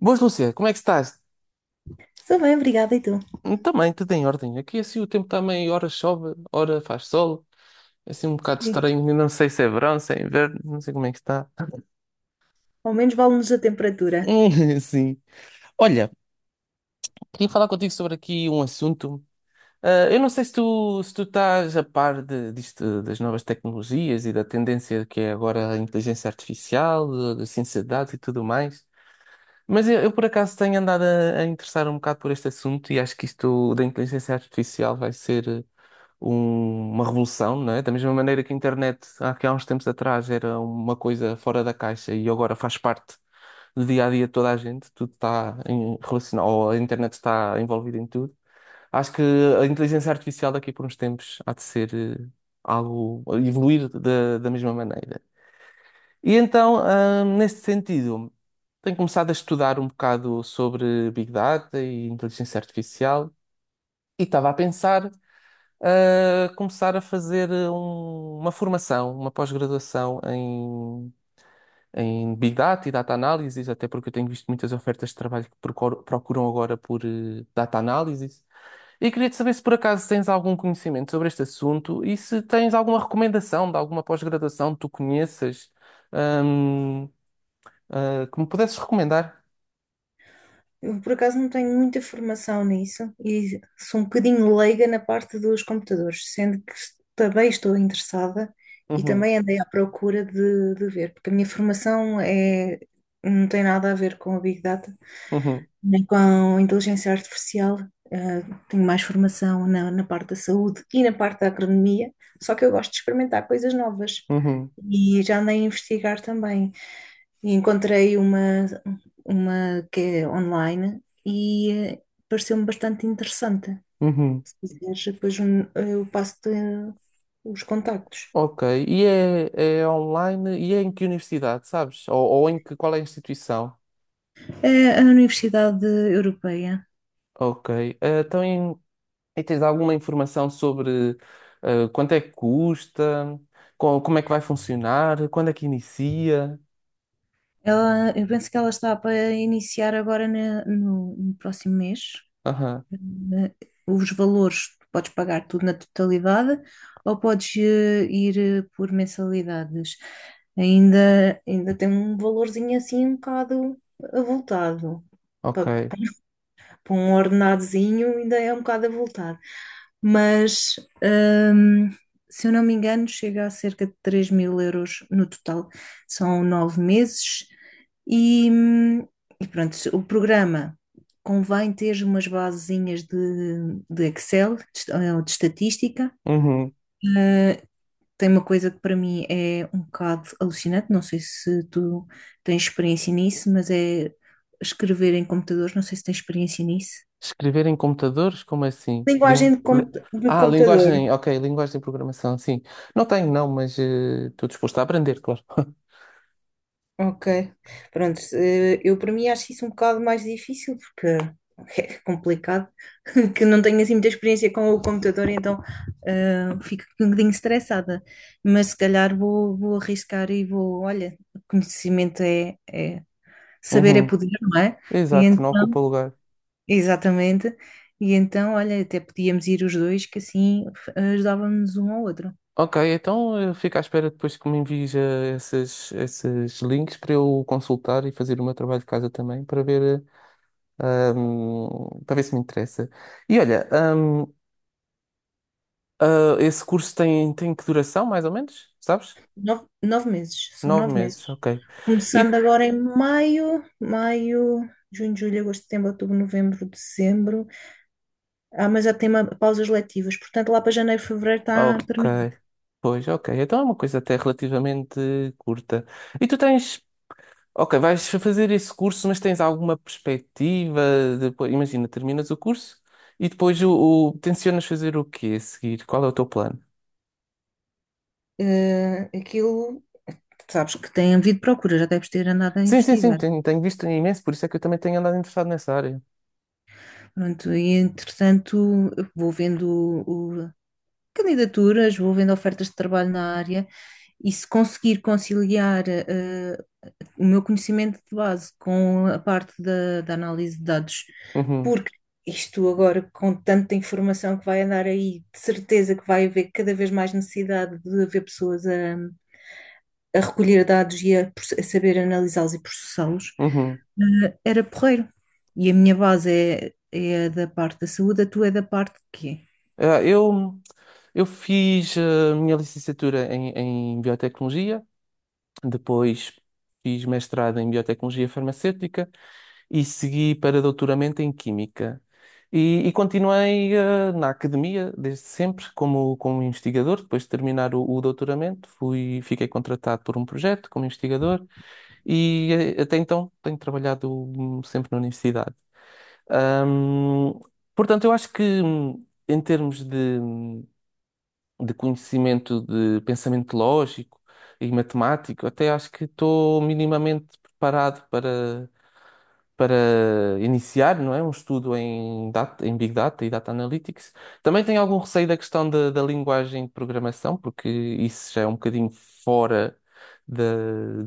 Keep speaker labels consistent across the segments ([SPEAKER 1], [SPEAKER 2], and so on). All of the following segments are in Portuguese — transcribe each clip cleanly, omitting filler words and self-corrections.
[SPEAKER 1] Boas, Lúcia, como é que estás?
[SPEAKER 2] Estou bem, obrigada. E tu?
[SPEAKER 1] Também, tudo em ordem. Aqui assim o tempo também, ora chove, ora faz sol. É assim um bocado
[SPEAKER 2] Sim.
[SPEAKER 1] estranho, não sei se é verão, se é inverno, não sei como é que está.
[SPEAKER 2] Ao menos vale-nos a temperatura.
[SPEAKER 1] Sim. Olha, queria falar contigo sobre aqui um assunto. Eu não sei se tu, se tu estás a par de, disto, das novas tecnologias e da tendência que é agora a inteligência artificial, da ciência de dados e tudo mais. Mas eu por acaso tenho andado a interessar um bocado por este assunto e acho que isto da inteligência artificial vai ser uma revolução, não é? Da mesma maneira que a internet há, que há uns tempos atrás era uma coisa fora da caixa e agora faz parte do dia a dia de toda a gente, tudo está relacionado, ou a internet está envolvida em tudo. Acho que a inteligência artificial daqui por uns tempos há de ser algo, evoluir da, da mesma maneira. E então, nesse sentido, tenho começado a estudar um bocado sobre Big Data e inteligência artificial e estava a pensar a começar a fazer uma formação, uma pós-graduação em, em Big Data e Data Analysis, até porque eu tenho visto muitas ofertas de trabalho que procuram agora por Data Analysis. E queria-te saber se por acaso tens algum conhecimento sobre este assunto e se tens alguma recomendação de alguma pós-graduação que tu conheças, hum, que me pudesses recomendar.
[SPEAKER 2] Eu, por acaso, não tenho muita formação nisso e sou um bocadinho leiga na parte dos computadores, sendo que também estou interessada e
[SPEAKER 1] Uhum,
[SPEAKER 2] também andei à procura de ver, porque a minha formação é, não tem nada a ver com a Big Data,
[SPEAKER 1] uhum,
[SPEAKER 2] nem com inteligência artificial. eh, Tenho mais formação na parte da saúde e na parte da agronomia, só que eu gosto de experimentar coisas novas
[SPEAKER 1] uhum,
[SPEAKER 2] e já andei a investigar também. E encontrei uma que é online e pareceu-me bastante interessante.
[SPEAKER 1] uhum.
[SPEAKER 2] Se quiseres, depois eu passo-te os contactos.
[SPEAKER 1] Ok. E é, é online? E é em que universidade, sabes? Ou em que, qual é a instituição?
[SPEAKER 2] É a Universidade Europeia.
[SPEAKER 1] Ok. Então, e tens alguma informação sobre quanto é que custa? Como é que vai funcionar? Quando é que inicia?
[SPEAKER 2] Ela, eu penso que ela está para iniciar agora no próximo mês.
[SPEAKER 1] Aham.
[SPEAKER 2] na- os valores, tu podes pagar tudo na totalidade ou podes ir por mensalidades. Ainda tem um valorzinho assim um bocado avultado.
[SPEAKER 1] Ok.
[SPEAKER 2] Pa- Para um ordenadozinho ainda é um bocado avultado. Mas, hum, se eu não me engano, chega a cerca de 3 mil euros no total. São 9 meses e, hum, e pronto, o programa convém ter umas basezinhas de Excel, ou de estatística.
[SPEAKER 1] Uhum.
[SPEAKER 2] Uh, Tem uma coisa que para mim é um bocado alucinante, não sei se tu tens experiência nisso, mas é escrever em computadores, não sei se tens experiência nisso.
[SPEAKER 1] Escrever em computadores? Como assim?
[SPEAKER 2] Linguagem de
[SPEAKER 1] Ah,
[SPEAKER 2] computador.
[SPEAKER 1] linguagem. Ok, linguagem de programação, sim. Não tenho, não, mas estou disposto a aprender, claro.
[SPEAKER 2] Ok. Pronto, eu para mim acho isso um bocado mais difícil porque é complicado, que não tenho assim muita experiência com o computador, então fico um bocadinho estressada. Mas se calhar vou arriscar e vou, olha, conhecimento saber é
[SPEAKER 1] Uhum.
[SPEAKER 2] poder, não é? E
[SPEAKER 1] Exato, não
[SPEAKER 2] então,
[SPEAKER 1] ocupa lugar.
[SPEAKER 2] exatamente. E então, olha, até podíamos ir os dois, que assim ajudávamos um ao outro.
[SPEAKER 1] Ok, então eu fico à espera depois que me envies esses links para eu consultar e fazer o meu trabalho de casa também para ver, para ver se me interessa. E olha, esse curso tem, tem que duração, mais ou menos? Sabes?
[SPEAKER 2] Nove meses, são
[SPEAKER 1] Nove
[SPEAKER 2] 9 meses.
[SPEAKER 1] meses, ok.
[SPEAKER 2] Começando
[SPEAKER 1] E,
[SPEAKER 2] agora em maio, maio, junho, julho, agosto, setembro, outubro, novembro, dezembro. Ah, mas já tem pausas letivas, portanto lá para janeiro, fevereiro está
[SPEAKER 1] ok,
[SPEAKER 2] terminado.
[SPEAKER 1] pois, ok. Então é uma coisa até relativamente curta. E tu tens. Ok, vais fazer esse curso, mas tens alguma perspectiva? Depois, imagina, terminas o curso e depois tencionas fazer o quê a seguir? Qual é o teu plano?
[SPEAKER 2] Aquilo, sabes que tem havido procura, já deves ter andado a
[SPEAKER 1] Sim, sim, sim,
[SPEAKER 2] investigar.
[SPEAKER 1] tenho, tenho visto imenso, por isso é que eu também tenho andado interessado nessa área.
[SPEAKER 2] Pronto, e entretanto vou vendo o- o- candidaturas, vou vendo ofertas de trabalho na área e se conseguir conciliar. ah, o meu conhecimento de base com a parte da análise de dados,
[SPEAKER 1] Uhum,
[SPEAKER 2] porque isto agora, com tanta informação que vai andar aí, de certeza que vai haver cada vez mais necessidade de haver pessoas a recolher dados e a saber analisá-los e processá-los,
[SPEAKER 1] uhum.
[SPEAKER 2] era porreiro. E a minha base é a da parte da saúde, a tua é da parte de quê?
[SPEAKER 1] Ah, eu, eu fiz a minha licenciatura em, em biotecnologia. Depois fiz mestrado em biotecnologia farmacêutica e segui para doutoramento em química. E continuei na academia desde sempre como, como investigador. Depois de terminar o doutoramento, fui, fiquei contratado por um projeto como investigador e até então tenho trabalhado sempre na universidade. Hum, Portanto, eu acho que em termos de conhecimento de pensamento lógico e matemático, até acho que estou minimamente preparado para, para iniciar, não é? Um estudo em, data, em Big Data e Data Analytics. Também tenho algum receio da questão da, da linguagem de programação, porque isso já é um bocadinho fora da-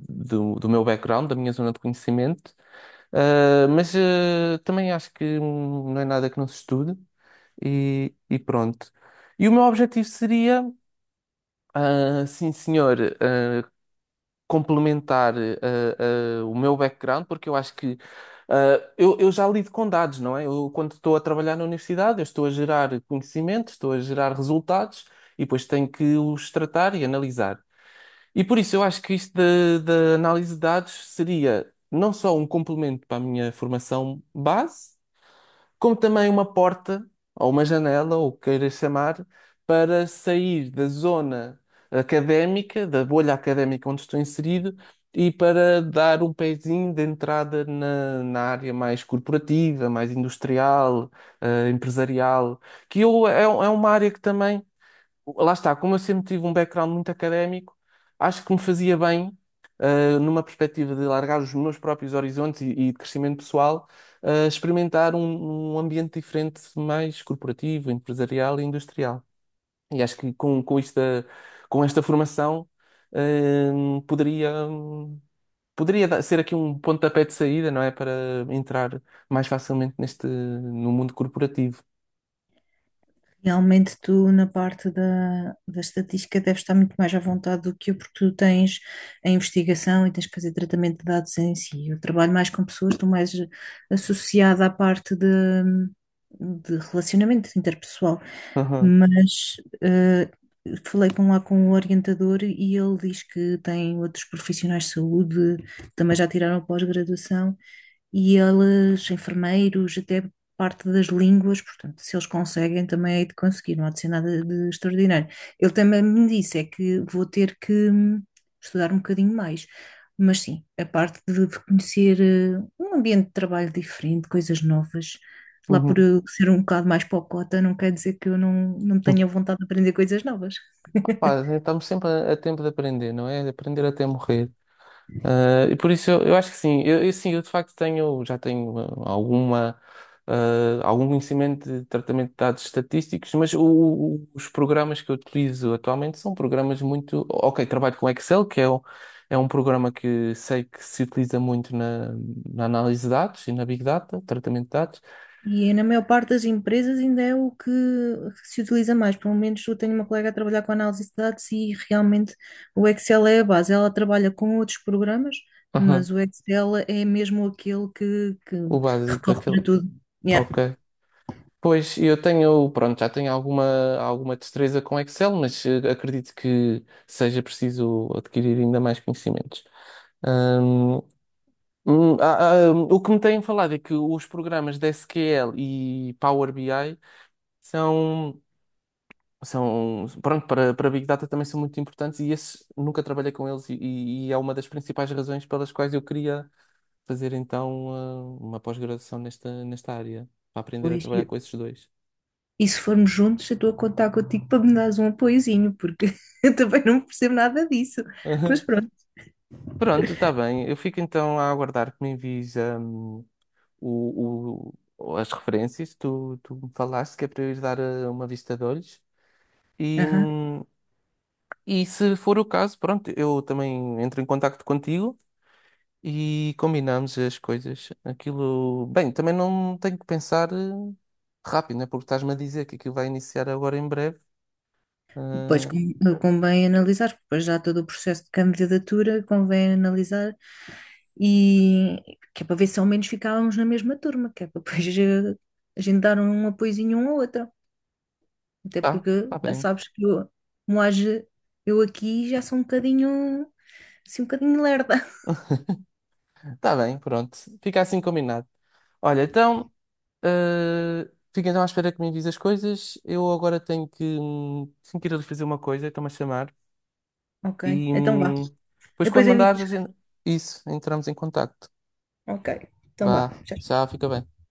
[SPEAKER 1] do, do meu background, da minha zona de conhecimento. Também acho que não é nada que não se estude e pronto. E o meu objetivo seria, sim, senhor. Complementar o meu background, porque eu acho que eu já lido com dados, não é? Eu, quando estou a trabalhar na universidade, eu estou a gerar conhecimento, estou a gerar resultados e depois tenho que os tratar e analisar. E por isso eu acho que isto da análise de dados seria não só um complemento para a minha formação base, como também uma porta ou uma janela, ou o que queiras chamar, para sair da zona académica, da bolha académica onde estou inserido, e para dar um pezinho de entrada na, na área mais corporativa, mais industrial, empresarial, que eu, é, é uma área que também, lá está, como eu sempre tive um background muito académico, acho que me fazia bem, numa perspectiva de largar os meus próprios horizontes e de crescimento pessoal, experimentar um, um ambiente diferente, mais corporativo, empresarial e industrial. E acho que com esta formação, poderia, poderia ser aqui um pontapé de saída, não é? Para entrar mais facilmente neste, no mundo corporativo.
[SPEAKER 2] Realmente tu na parte da estatística deves estar muito mais à vontade do que eu, porque tu tens a investigação e tens que fazer tratamento de dados em si. Eu trabalho mais com pessoas, estou mais associada à parte de relacionamento interpessoal.
[SPEAKER 1] Aham,
[SPEAKER 2] Mas eh, falei com lá com o orientador e ele diz que tem outros profissionais de saúde, também já tiraram pós-graduação, e eles, enfermeiros, até parte das línguas, portanto, se eles conseguem, também hei de conseguir, não há de ser nada de extraordinário. Ele também me disse é que vou ter que estudar um bocadinho mais, mas sim, a parte de conhecer um ambiente de trabalho diferente, coisas novas, lá por
[SPEAKER 1] uhum.
[SPEAKER 2] eu ser um bocado mais pocota, não quer dizer que eu não tenha vontade de aprender coisas novas.
[SPEAKER 1] Pá, estamos sempre a tempo de aprender, não é? De aprender até morrer. Eu acho que sim, eu de facto tenho, já tenho ah, alguma, algum conhecimento de tratamento de dados estatísticos, mas os programas que eu utilizo atualmente são programas muito. Ok, trabalho com Excel, que é, o é um programa que sei que se utiliza muito na, na análise de dados e na Big Data, tratamento de dados.
[SPEAKER 2] E na maior parte das empresas ainda é o que se utiliza mais. Pelo menos eu tenho uma colega a trabalhar com análise de dados e realmente o Excel é a base. Ela trabalha com outros programas,
[SPEAKER 1] Aham,
[SPEAKER 2] mas o Excel é mesmo aquele que
[SPEAKER 1] o básico,
[SPEAKER 2] recorre
[SPEAKER 1] aquele.
[SPEAKER 2] para tudo. Yeah.
[SPEAKER 1] Ok. Pois, eu tenho, pronto, já tenho alguma, alguma destreza com Excel, mas acredito que seja preciso adquirir ainda mais conhecimentos. Hum, o que me têm falado é que os programas de SQL e Power BI são, são pronto, para, para Big Data também são muito importantes e esses nunca trabalhei com eles e é uma das principais razões pelas quais eu queria fazer então uma pós-graduação nesta, nesta área, para aprender a
[SPEAKER 2] Pois, e,
[SPEAKER 1] trabalhar com esses dois.
[SPEAKER 2] e se formos juntos, eu estou a contar contigo para me dares um apoiozinho, porque eu também não percebo nada disso. Mas pronto.
[SPEAKER 1] Pronto, está bem. Eu fico então a aguardar que me envies o, as referências. Que Tu, tu me falaste que é para eu ir dar uma vista de olhos. E,
[SPEAKER 2] Aham.
[SPEAKER 1] hum, e se for o caso, pronto, eu também entro em contacto contigo e combinamos as coisas. Aquilo, bem, também não tenho que pensar rápido, né? Porque estás-me a dizer que aquilo vai iniciar agora em breve.
[SPEAKER 2] Pois
[SPEAKER 1] Ah,
[SPEAKER 2] convém analisar, porque depois já todo o processo de candidatura convém analisar e que é para ver se ao menos ficávamos na mesma turma, que é para depois a gente dar um apoiozinho um ao outro. Até
[SPEAKER 1] tá,
[SPEAKER 2] porque
[SPEAKER 1] tá
[SPEAKER 2] já
[SPEAKER 1] bem.
[SPEAKER 2] sabes que eu, como age, eu aqui já sou um bocadinho, assim, um bocadinho lerda.
[SPEAKER 1] Tá bem, pronto. Fica assim combinado. Olha, então, fica então à espera que me envies as coisas. Eu agora tenho que ir ali fazer uma coisa, estão-me a chamar.
[SPEAKER 2] Ok,
[SPEAKER 1] E
[SPEAKER 2] então vá.
[SPEAKER 1] depois
[SPEAKER 2] Depois
[SPEAKER 1] quando
[SPEAKER 2] eu invito.
[SPEAKER 1] mandares a gente... Isso, entramos em contacto.
[SPEAKER 2] Ok, então vá.
[SPEAKER 1] Vá,
[SPEAKER 2] Tchau.
[SPEAKER 1] já fica bem.